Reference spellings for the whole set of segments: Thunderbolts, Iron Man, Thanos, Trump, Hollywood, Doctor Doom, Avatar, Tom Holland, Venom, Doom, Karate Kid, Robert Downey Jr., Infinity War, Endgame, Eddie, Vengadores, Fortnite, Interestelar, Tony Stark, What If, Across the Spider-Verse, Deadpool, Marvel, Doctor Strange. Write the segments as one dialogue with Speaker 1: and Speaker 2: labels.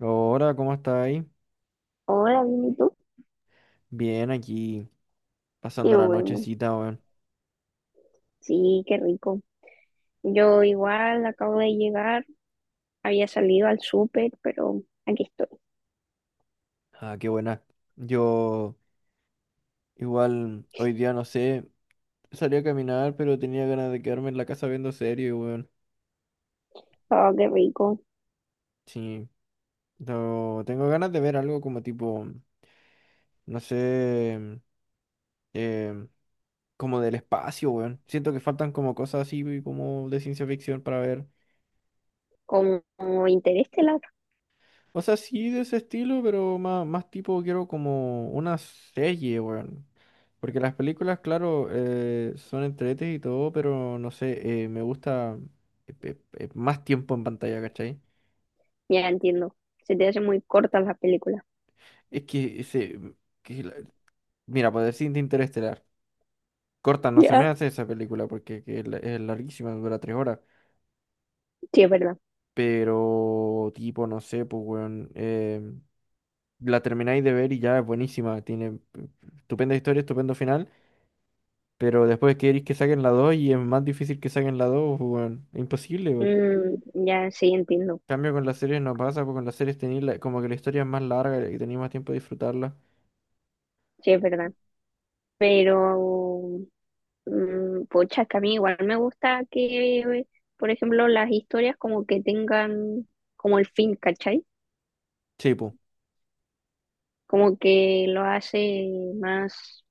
Speaker 1: Hola, ¿cómo estáis?
Speaker 2: Hola, bien, ¿y tú?
Speaker 1: Bien, aquí pasando
Speaker 2: Qué
Speaker 1: la
Speaker 2: bueno.
Speaker 1: nochecita, weón.
Speaker 2: Sí, qué rico. Yo igual acabo de llegar, había salido al súper, pero aquí estoy.
Speaker 1: Ah, qué buena. Yo igual hoy día no sé, salí a caminar, pero tenía ganas de quedarme en la casa viendo serie, weón.
Speaker 2: Oh, qué rico.
Speaker 1: Sí, no, tengo ganas de ver algo como tipo, no sé, eh, como del espacio, weón. Siento que faltan como cosas así como de ciencia ficción para ver.
Speaker 2: Como Interestelar,
Speaker 1: O sea, sí de ese estilo, pero más, más tipo quiero como una serie, weón. Porque las películas, claro, son entretes y todo, pero no sé, me gusta más tiempo en pantalla, ¿cachai?
Speaker 2: ya entiendo. Se te hacen muy cortas las películas.
Speaker 1: Es que ese... que la- mira, por decirte Interestelar. Corta, no se me
Speaker 2: Ya.
Speaker 1: hace esa película porque que es, es larguísima, dura 3 horas.
Speaker 2: Sí, es verdad.
Speaker 1: Pero, tipo, no sé, pues, weón. La termináis de ver y ya es buenísima. Tiene eh, estupenda historia, estupendo final. Pero después queréis que saquen la 2 y es más difícil que saquen la 2 pues, weón. Es imposible, weón. En
Speaker 2: Mm, ya, sí, entiendo.
Speaker 1: cambio con las series no pasa, porque con las series tenéis como que la historia es más larga y tenéis más tiempo de disfrutarla.
Speaker 2: Sí, es verdad. Pero, pocha, es que a mí igual me gusta que, por ejemplo, las historias como que tengan como el fin, ¿cachai?
Speaker 1: Sí, pues.
Speaker 2: Como que lo hace más.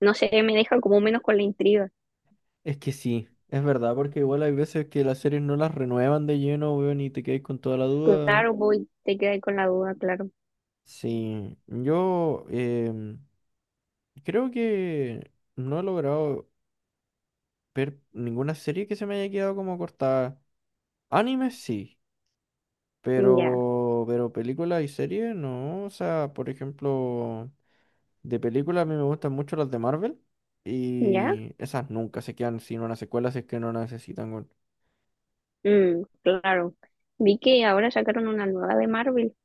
Speaker 2: No sé, me deja como menos con la intriga.
Speaker 1: Es que sí, es verdad, porque igual hay veces que las series no las renuevan de lleno, weón, y te quedáis con toda la duda.
Speaker 2: Claro, voy, te quedas con la duda, claro.
Speaker 1: Sí, yo creo que no he logrado ver ninguna serie que se me haya quedado como cortada. Anime sí.
Speaker 2: Ya,
Speaker 1: Pero películas y series, no. O sea, por ejemplo, de películas a mí me gustan mucho las de Marvel.
Speaker 2: ya.
Speaker 1: Y esas nunca se quedan sin una secuela si es que no la necesitan, weón.
Speaker 2: Mm, claro. Vi que ahora sacaron una nueva de Marvel.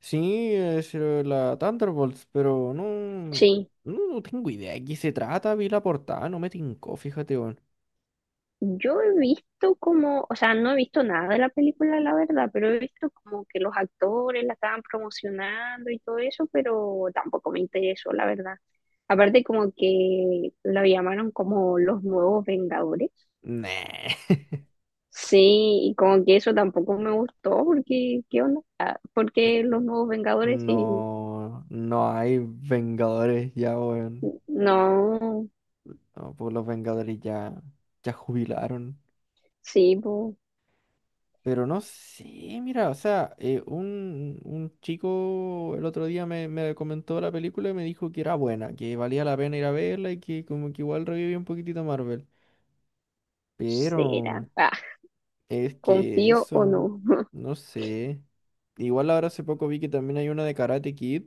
Speaker 1: Sí, es la Thunderbolts, pero no,
Speaker 2: Sí,
Speaker 1: no, no tengo idea de qué se trata. Vi la portada, no me tincó, fíjate, weón.
Speaker 2: yo he visto como, o sea, no he visto nada de la película, la verdad, pero he visto como que los actores la estaban promocionando y todo eso, pero tampoco me interesó, la verdad. Aparte como que lo llamaron como los nuevos Vengadores.
Speaker 1: Nah.
Speaker 2: Sí, y como que eso tampoco me gustó, porque, ¿qué onda? Ah, porque los nuevos Vengadores y
Speaker 1: No, no hay Vengadores ya, weón.
Speaker 2: no,
Speaker 1: No, pues los Vengadores ya, ya jubilaron.
Speaker 2: sí, pues,
Speaker 1: Pero no sé, mira, o sea, un chico el otro día me comentó la película y me dijo que era buena, que valía la pena ir a verla y que como que igual revivía un poquitito Marvel. Pero
Speaker 2: será. Ah,
Speaker 1: es que
Speaker 2: confío o no,
Speaker 1: eso, no sé. Igual ahora hace poco vi que también hay una de Karate Kid,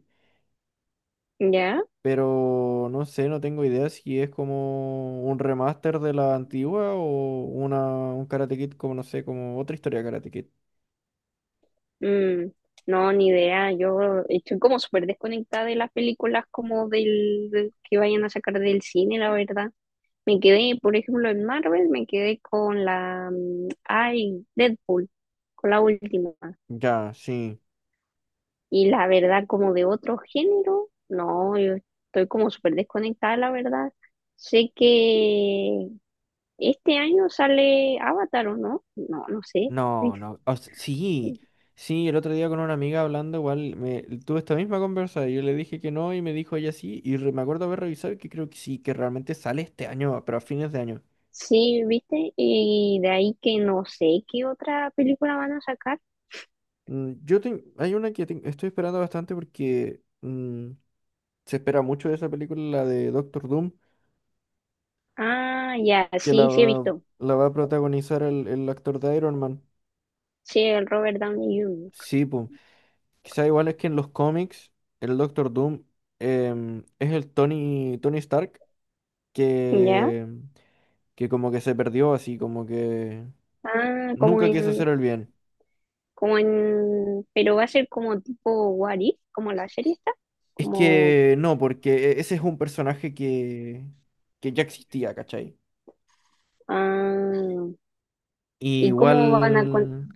Speaker 2: ¿ya?
Speaker 1: pero no sé, no tengo idea si es como un remaster de la antigua o un Karate Kid como, no sé, como otra historia de Karate Kid.
Speaker 2: Mm, no, ni idea, yo estoy como súper desconectada de las películas como del que vayan a sacar del cine, la verdad. Me quedé, por ejemplo, en Marvel, me quedé con la, ay, Deadpool, con la última.
Speaker 1: Ya, sí.
Speaker 2: Y la verdad, como de otro género, no, yo estoy como súper desconectada, la verdad. Sé que este año sale Avatar, ¿o no? No, no sé.
Speaker 1: No, no. Sí, sí, el otro día con una amiga hablando, igual me, tuve esta misma conversa. Yo le dije que no y me dijo ella sí. Y me acuerdo haber revisado y que creo que sí, que realmente sale este año, pero a fines de año.
Speaker 2: Sí, ¿viste? Y de ahí que no sé qué otra película van a sacar.
Speaker 1: Hay una que estoy esperando bastante porque se espera mucho de esa película, la de Doctor Doom,
Speaker 2: Ah, ya,
Speaker 1: que
Speaker 2: sí, sí he visto.
Speaker 1: la va a protagonizar el actor de Iron Man.
Speaker 2: Sí, el Robert Downey Jr.
Speaker 1: Sí, pues. Quizá igual es que en los cómics, el Doctor Doom es el Tony, Tony Stark.
Speaker 2: ¿Ya?
Speaker 1: que, que como que se perdió así, como que
Speaker 2: Ah, como
Speaker 1: nunca quiso
Speaker 2: en,
Speaker 1: hacer el bien.
Speaker 2: como en, pero va a ser como tipo What If, como la serie está.
Speaker 1: Es
Speaker 2: Como,
Speaker 1: que no, porque ese es un personaje que ya existía, ¿cachai?
Speaker 2: ah,
Speaker 1: Y
Speaker 2: ¿y cómo van a con...
Speaker 1: igual...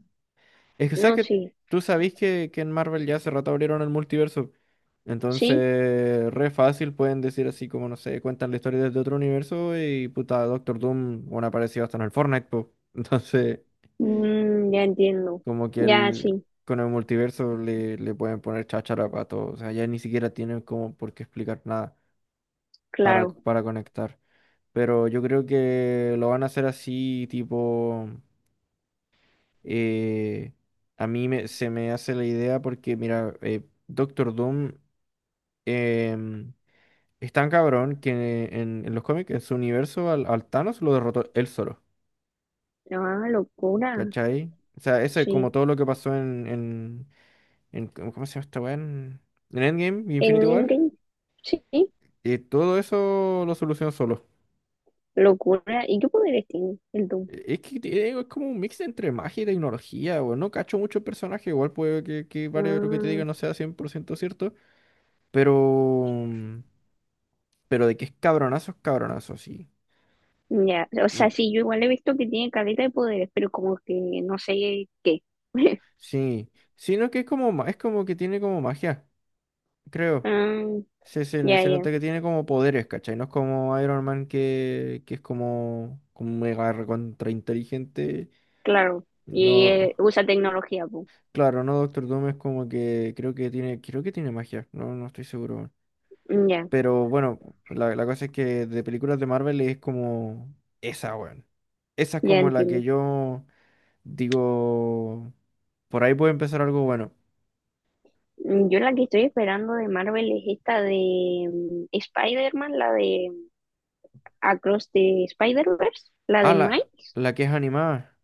Speaker 1: Es que, ¿sabes
Speaker 2: No,
Speaker 1: que...
Speaker 2: sí,
Speaker 1: Tú sabés que en Marvel ya hace rato abrieron el multiverso.
Speaker 2: sí,
Speaker 1: Entonces, re fácil pueden decir así como, no sé, cuentan la historia desde otro universo y puta, Doctor Doom, bueno, apareció hasta en el Fortnite, po. Entonces...
Speaker 2: ya entiendo.
Speaker 1: Como que
Speaker 2: Ya,
Speaker 1: el,
Speaker 2: sí,
Speaker 1: con el multiverso le pueden poner cháchara para todo. O sea, ya ni siquiera tienen como por qué explicar nada para,
Speaker 2: claro.
Speaker 1: para conectar. Pero yo creo que lo van a hacer así, tipo... eh, a mí se me hace la idea porque, mira, Doctor Doom em, es tan cabrón que en los cómics, en su universo, al Thanos lo derrotó él solo.
Speaker 2: Ah, locura,
Speaker 1: ¿Cachai? O sea, eso es como
Speaker 2: sí.
Speaker 1: todo lo que pasó en, ¿cómo se llama esta weá? En Endgame y
Speaker 2: En
Speaker 1: Infinity War,
Speaker 2: Endgame, sí,
Speaker 1: todo eso lo solucionó solo.
Speaker 2: locura. ¿Y qué poderes tiene el Doom?
Speaker 1: Digo, es como un mix entre magia y tecnología, weón. No cacho mucho el personaje, igual puede que varios de lo que te
Speaker 2: Ah,
Speaker 1: diga no sea 100% cierto, pero, pero de que es cabronazo, sí.
Speaker 2: ya, o sea,
Speaker 1: Y
Speaker 2: sí, yo igual he visto que tiene caleta de poderes, pero como que no sé qué.
Speaker 1: sí, sino que es como, es como que tiene como magia, creo.
Speaker 2: Ah,
Speaker 1: Se, se,
Speaker 2: ya,
Speaker 1: se
Speaker 2: ya,
Speaker 1: nota que tiene como poderes, ¿cachai? No es como Iron Man que es como, como mega recontra inteligente.
Speaker 2: claro. Y
Speaker 1: No,
Speaker 2: usa tecnología, pues.
Speaker 1: claro, no, Doctor Doom es como que creo que tiene magia, no, no estoy seguro, weón.
Speaker 2: Ya,
Speaker 1: Pero bueno, la cosa es que de películas de Marvel es como esa, weón. Esa es
Speaker 2: ya
Speaker 1: como la que
Speaker 2: entiendo.
Speaker 1: yo digo, por ahí puede empezar algo bueno.
Speaker 2: Yo la que estoy esperando de Marvel es esta de Spider-Man, la de Across the Spider-Verse, la
Speaker 1: Ah,
Speaker 2: de Miles.
Speaker 1: la que es animada.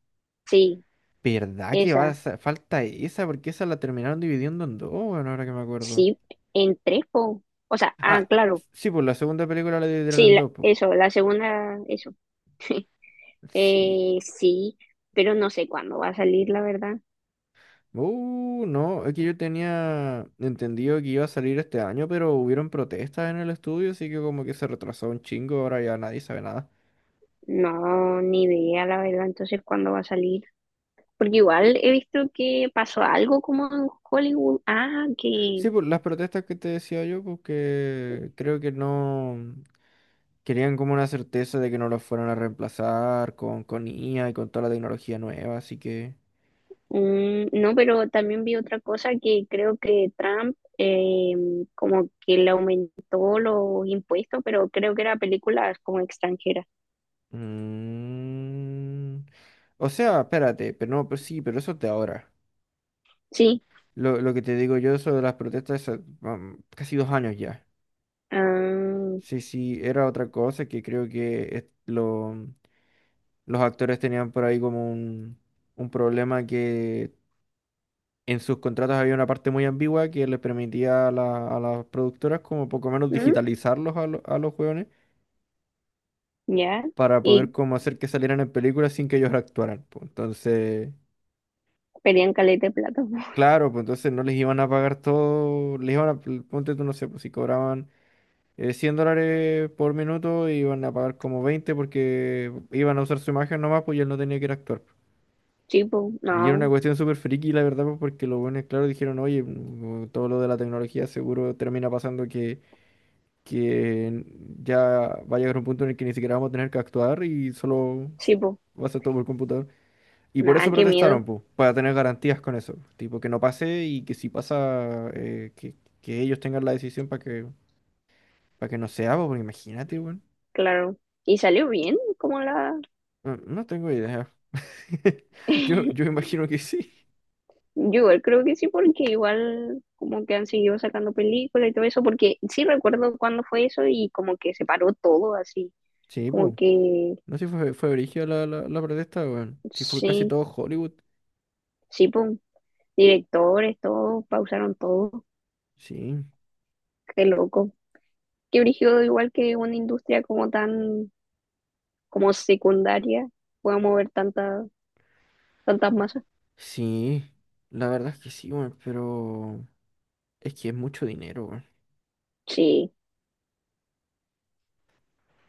Speaker 2: Sí,
Speaker 1: ¿Verdad que
Speaker 2: esa.
Speaker 1: falta esa? Porque esa la terminaron dividiendo en dos, weón, ahora que me acuerdo.
Speaker 2: Sí, entrepo. O sea, ah,
Speaker 1: Ah,
Speaker 2: claro.
Speaker 1: sí, pues la segunda película la dividieron
Speaker 2: Sí,
Speaker 1: en dos, pues.
Speaker 2: eso, la segunda, eso.
Speaker 1: Sí.
Speaker 2: Sí, pero no sé cuándo va a salir, la verdad.
Speaker 1: No, es que yo tenía entendido que iba a salir este año, pero hubieron protestas en el estudio, así que como que se retrasó un chingo, ahora ya nadie sabe nada.
Speaker 2: No, ni idea, la verdad. Entonces, ¿cuándo va a salir? Porque igual he visto que pasó algo como en Hollywood. Ah, que
Speaker 1: Sí, pues las protestas que te decía yo, porque creo que no querían como una certeza de que no los fueran a reemplazar con IA y con toda la tecnología nueva, así que...
Speaker 2: mm, no, pero también vi otra cosa que creo que Trump como que le aumentó los impuestos, pero creo que era películas como extranjeras.
Speaker 1: mm, o sea, espérate, pero no, pues sí, pero eso es de ahora.
Speaker 2: Sí.
Speaker 1: Lo que te digo yo sobre las protestas, casi 2 años ya.
Speaker 2: Ah,
Speaker 1: Sí, sí, era otra cosa que creo que los actores tenían por ahí como un problema que en sus contratos había una parte muy ambigua que les permitía a las productoras como poco menos
Speaker 2: ¿mm?
Speaker 1: digitalizarlos a los jóvenes
Speaker 2: Ya.
Speaker 1: para poder
Speaker 2: Y
Speaker 1: como hacer que salieran en películas sin que ellos actuaran, pues. Entonces,
Speaker 2: pedían caleta de plata.
Speaker 1: claro, pues entonces no les iban a pagar todo, les iban a, ponte tú, no sé, pues si cobraban 100 dólares por minuto y iban a pagar como 20 porque iban a usar su imagen nomás, pues y él no tenía que ir a actuar, pues.
Speaker 2: Sí, po,
Speaker 1: Y era
Speaker 2: no.
Speaker 1: una cuestión súper friki, la verdad, pues porque los buenos, claro, dijeron, oye, todo lo de la tecnología seguro termina pasando que ya va a llegar un punto en el que ni siquiera vamos a tener que actuar y solo
Speaker 2: Sí, po.
Speaker 1: va a ser todo por computador. Y por
Speaker 2: Nada,
Speaker 1: eso
Speaker 2: qué
Speaker 1: protestaron,
Speaker 2: miedo,
Speaker 1: pues, para tener garantías con eso. Tipo, que no pase y que si pasa, que ellos tengan la decisión para que no sea, pues, porque imagínate, weón.
Speaker 2: claro. Y salió bien, como la...
Speaker 1: No, no tengo idea. Yo imagino que sí.
Speaker 2: Yo igual creo que sí, porque igual como que han seguido sacando películas y todo eso, porque sí recuerdo cuándo fue eso y como que se paró todo así
Speaker 1: Sí, pues.
Speaker 2: como que
Speaker 1: No sé si fue brígida la protesta, weón. Si fue casi
Speaker 2: sí,
Speaker 1: todo Hollywood.
Speaker 2: sí, pum. Directores, todos, pausaron todo.
Speaker 1: Sí.
Speaker 2: Qué loco. Qué brígido, igual que una industria como tan, como secundaria, pueda mover tantas, tantas masas.
Speaker 1: Sí. La verdad es que sí, weón. Pero es que es mucho dinero, weón.
Speaker 2: Sí.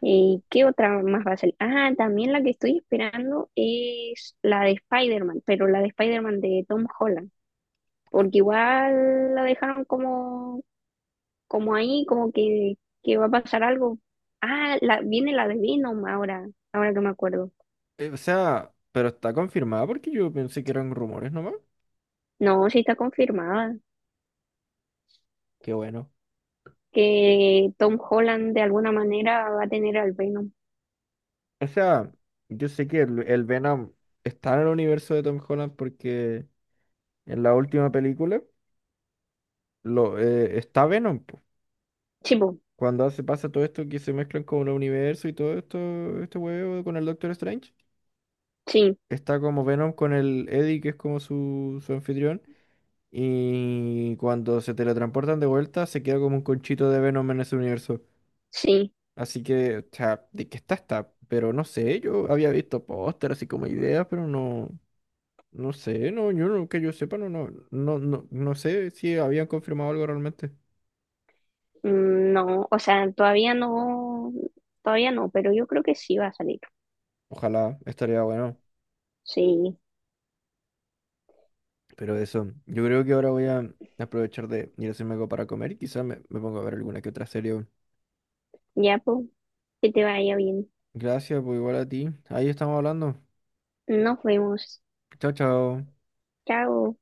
Speaker 2: ¿Y qué otra más va a salir? Ah, también la que estoy esperando es la de Spider-Man, pero la de Spider-Man de Tom Holland.
Speaker 1: Ah,
Speaker 2: Porque igual la dejaron como, como ahí, como que va a pasar algo. Ah, la, viene la de Venom ahora, ahora que me acuerdo.
Speaker 1: o sea, pero está confirmada porque yo pensé que eran rumores nomás.
Speaker 2: No, sí está confirmada
Speaker 1: Qué bueno.
Speaker 2: que Tom Holland de alguna manera va a tener al Venom.
Speaker 1: O sea, yo sé que el Venom está en el universo de Tom Holland porque en la última película está Venom, po.
Speaker 2: Sí, po,
Speaker 1: Cuando hace, pasa todo esto que se mezclan con el universo y todo esto, este huevo con el Doctor Strange,
Speaker 2: sí,
Speaker 1: está como Venom con el Eddie, que es como su anfitrión, y cuando se teletransportan de vuelta, se queda como un conchito de Venom en ese universo.
Speaker 2: sí.
Speaker 1: Así que, o sea, de que está, está, pero no sé, yo había visto póster así como ideas, pero no, no sé, no, yo no, que yo sepa, no sé si habían confirmado algo realmente.
Speaker 2: No, o sea, todavía no, pero yo creo que sí va a salir.
Speaker 1: Ojalá, estaría bueno.
Speaker 2: Sí,
Speaker 1: Pero eso, yo creo que ahora voy a aprovechar de ir a hacerme algo para comer y quizás me pongo a ver alguna que otra serie.
Speaker 2: ya, pues, que te vaya bien.
Speaker 1: Gracias, pues igual a ti. Ahí estamos hablando.
Speaker 2: Nos vemos.
Speaker 1: Chao, chao.
Speaker 2: Chao.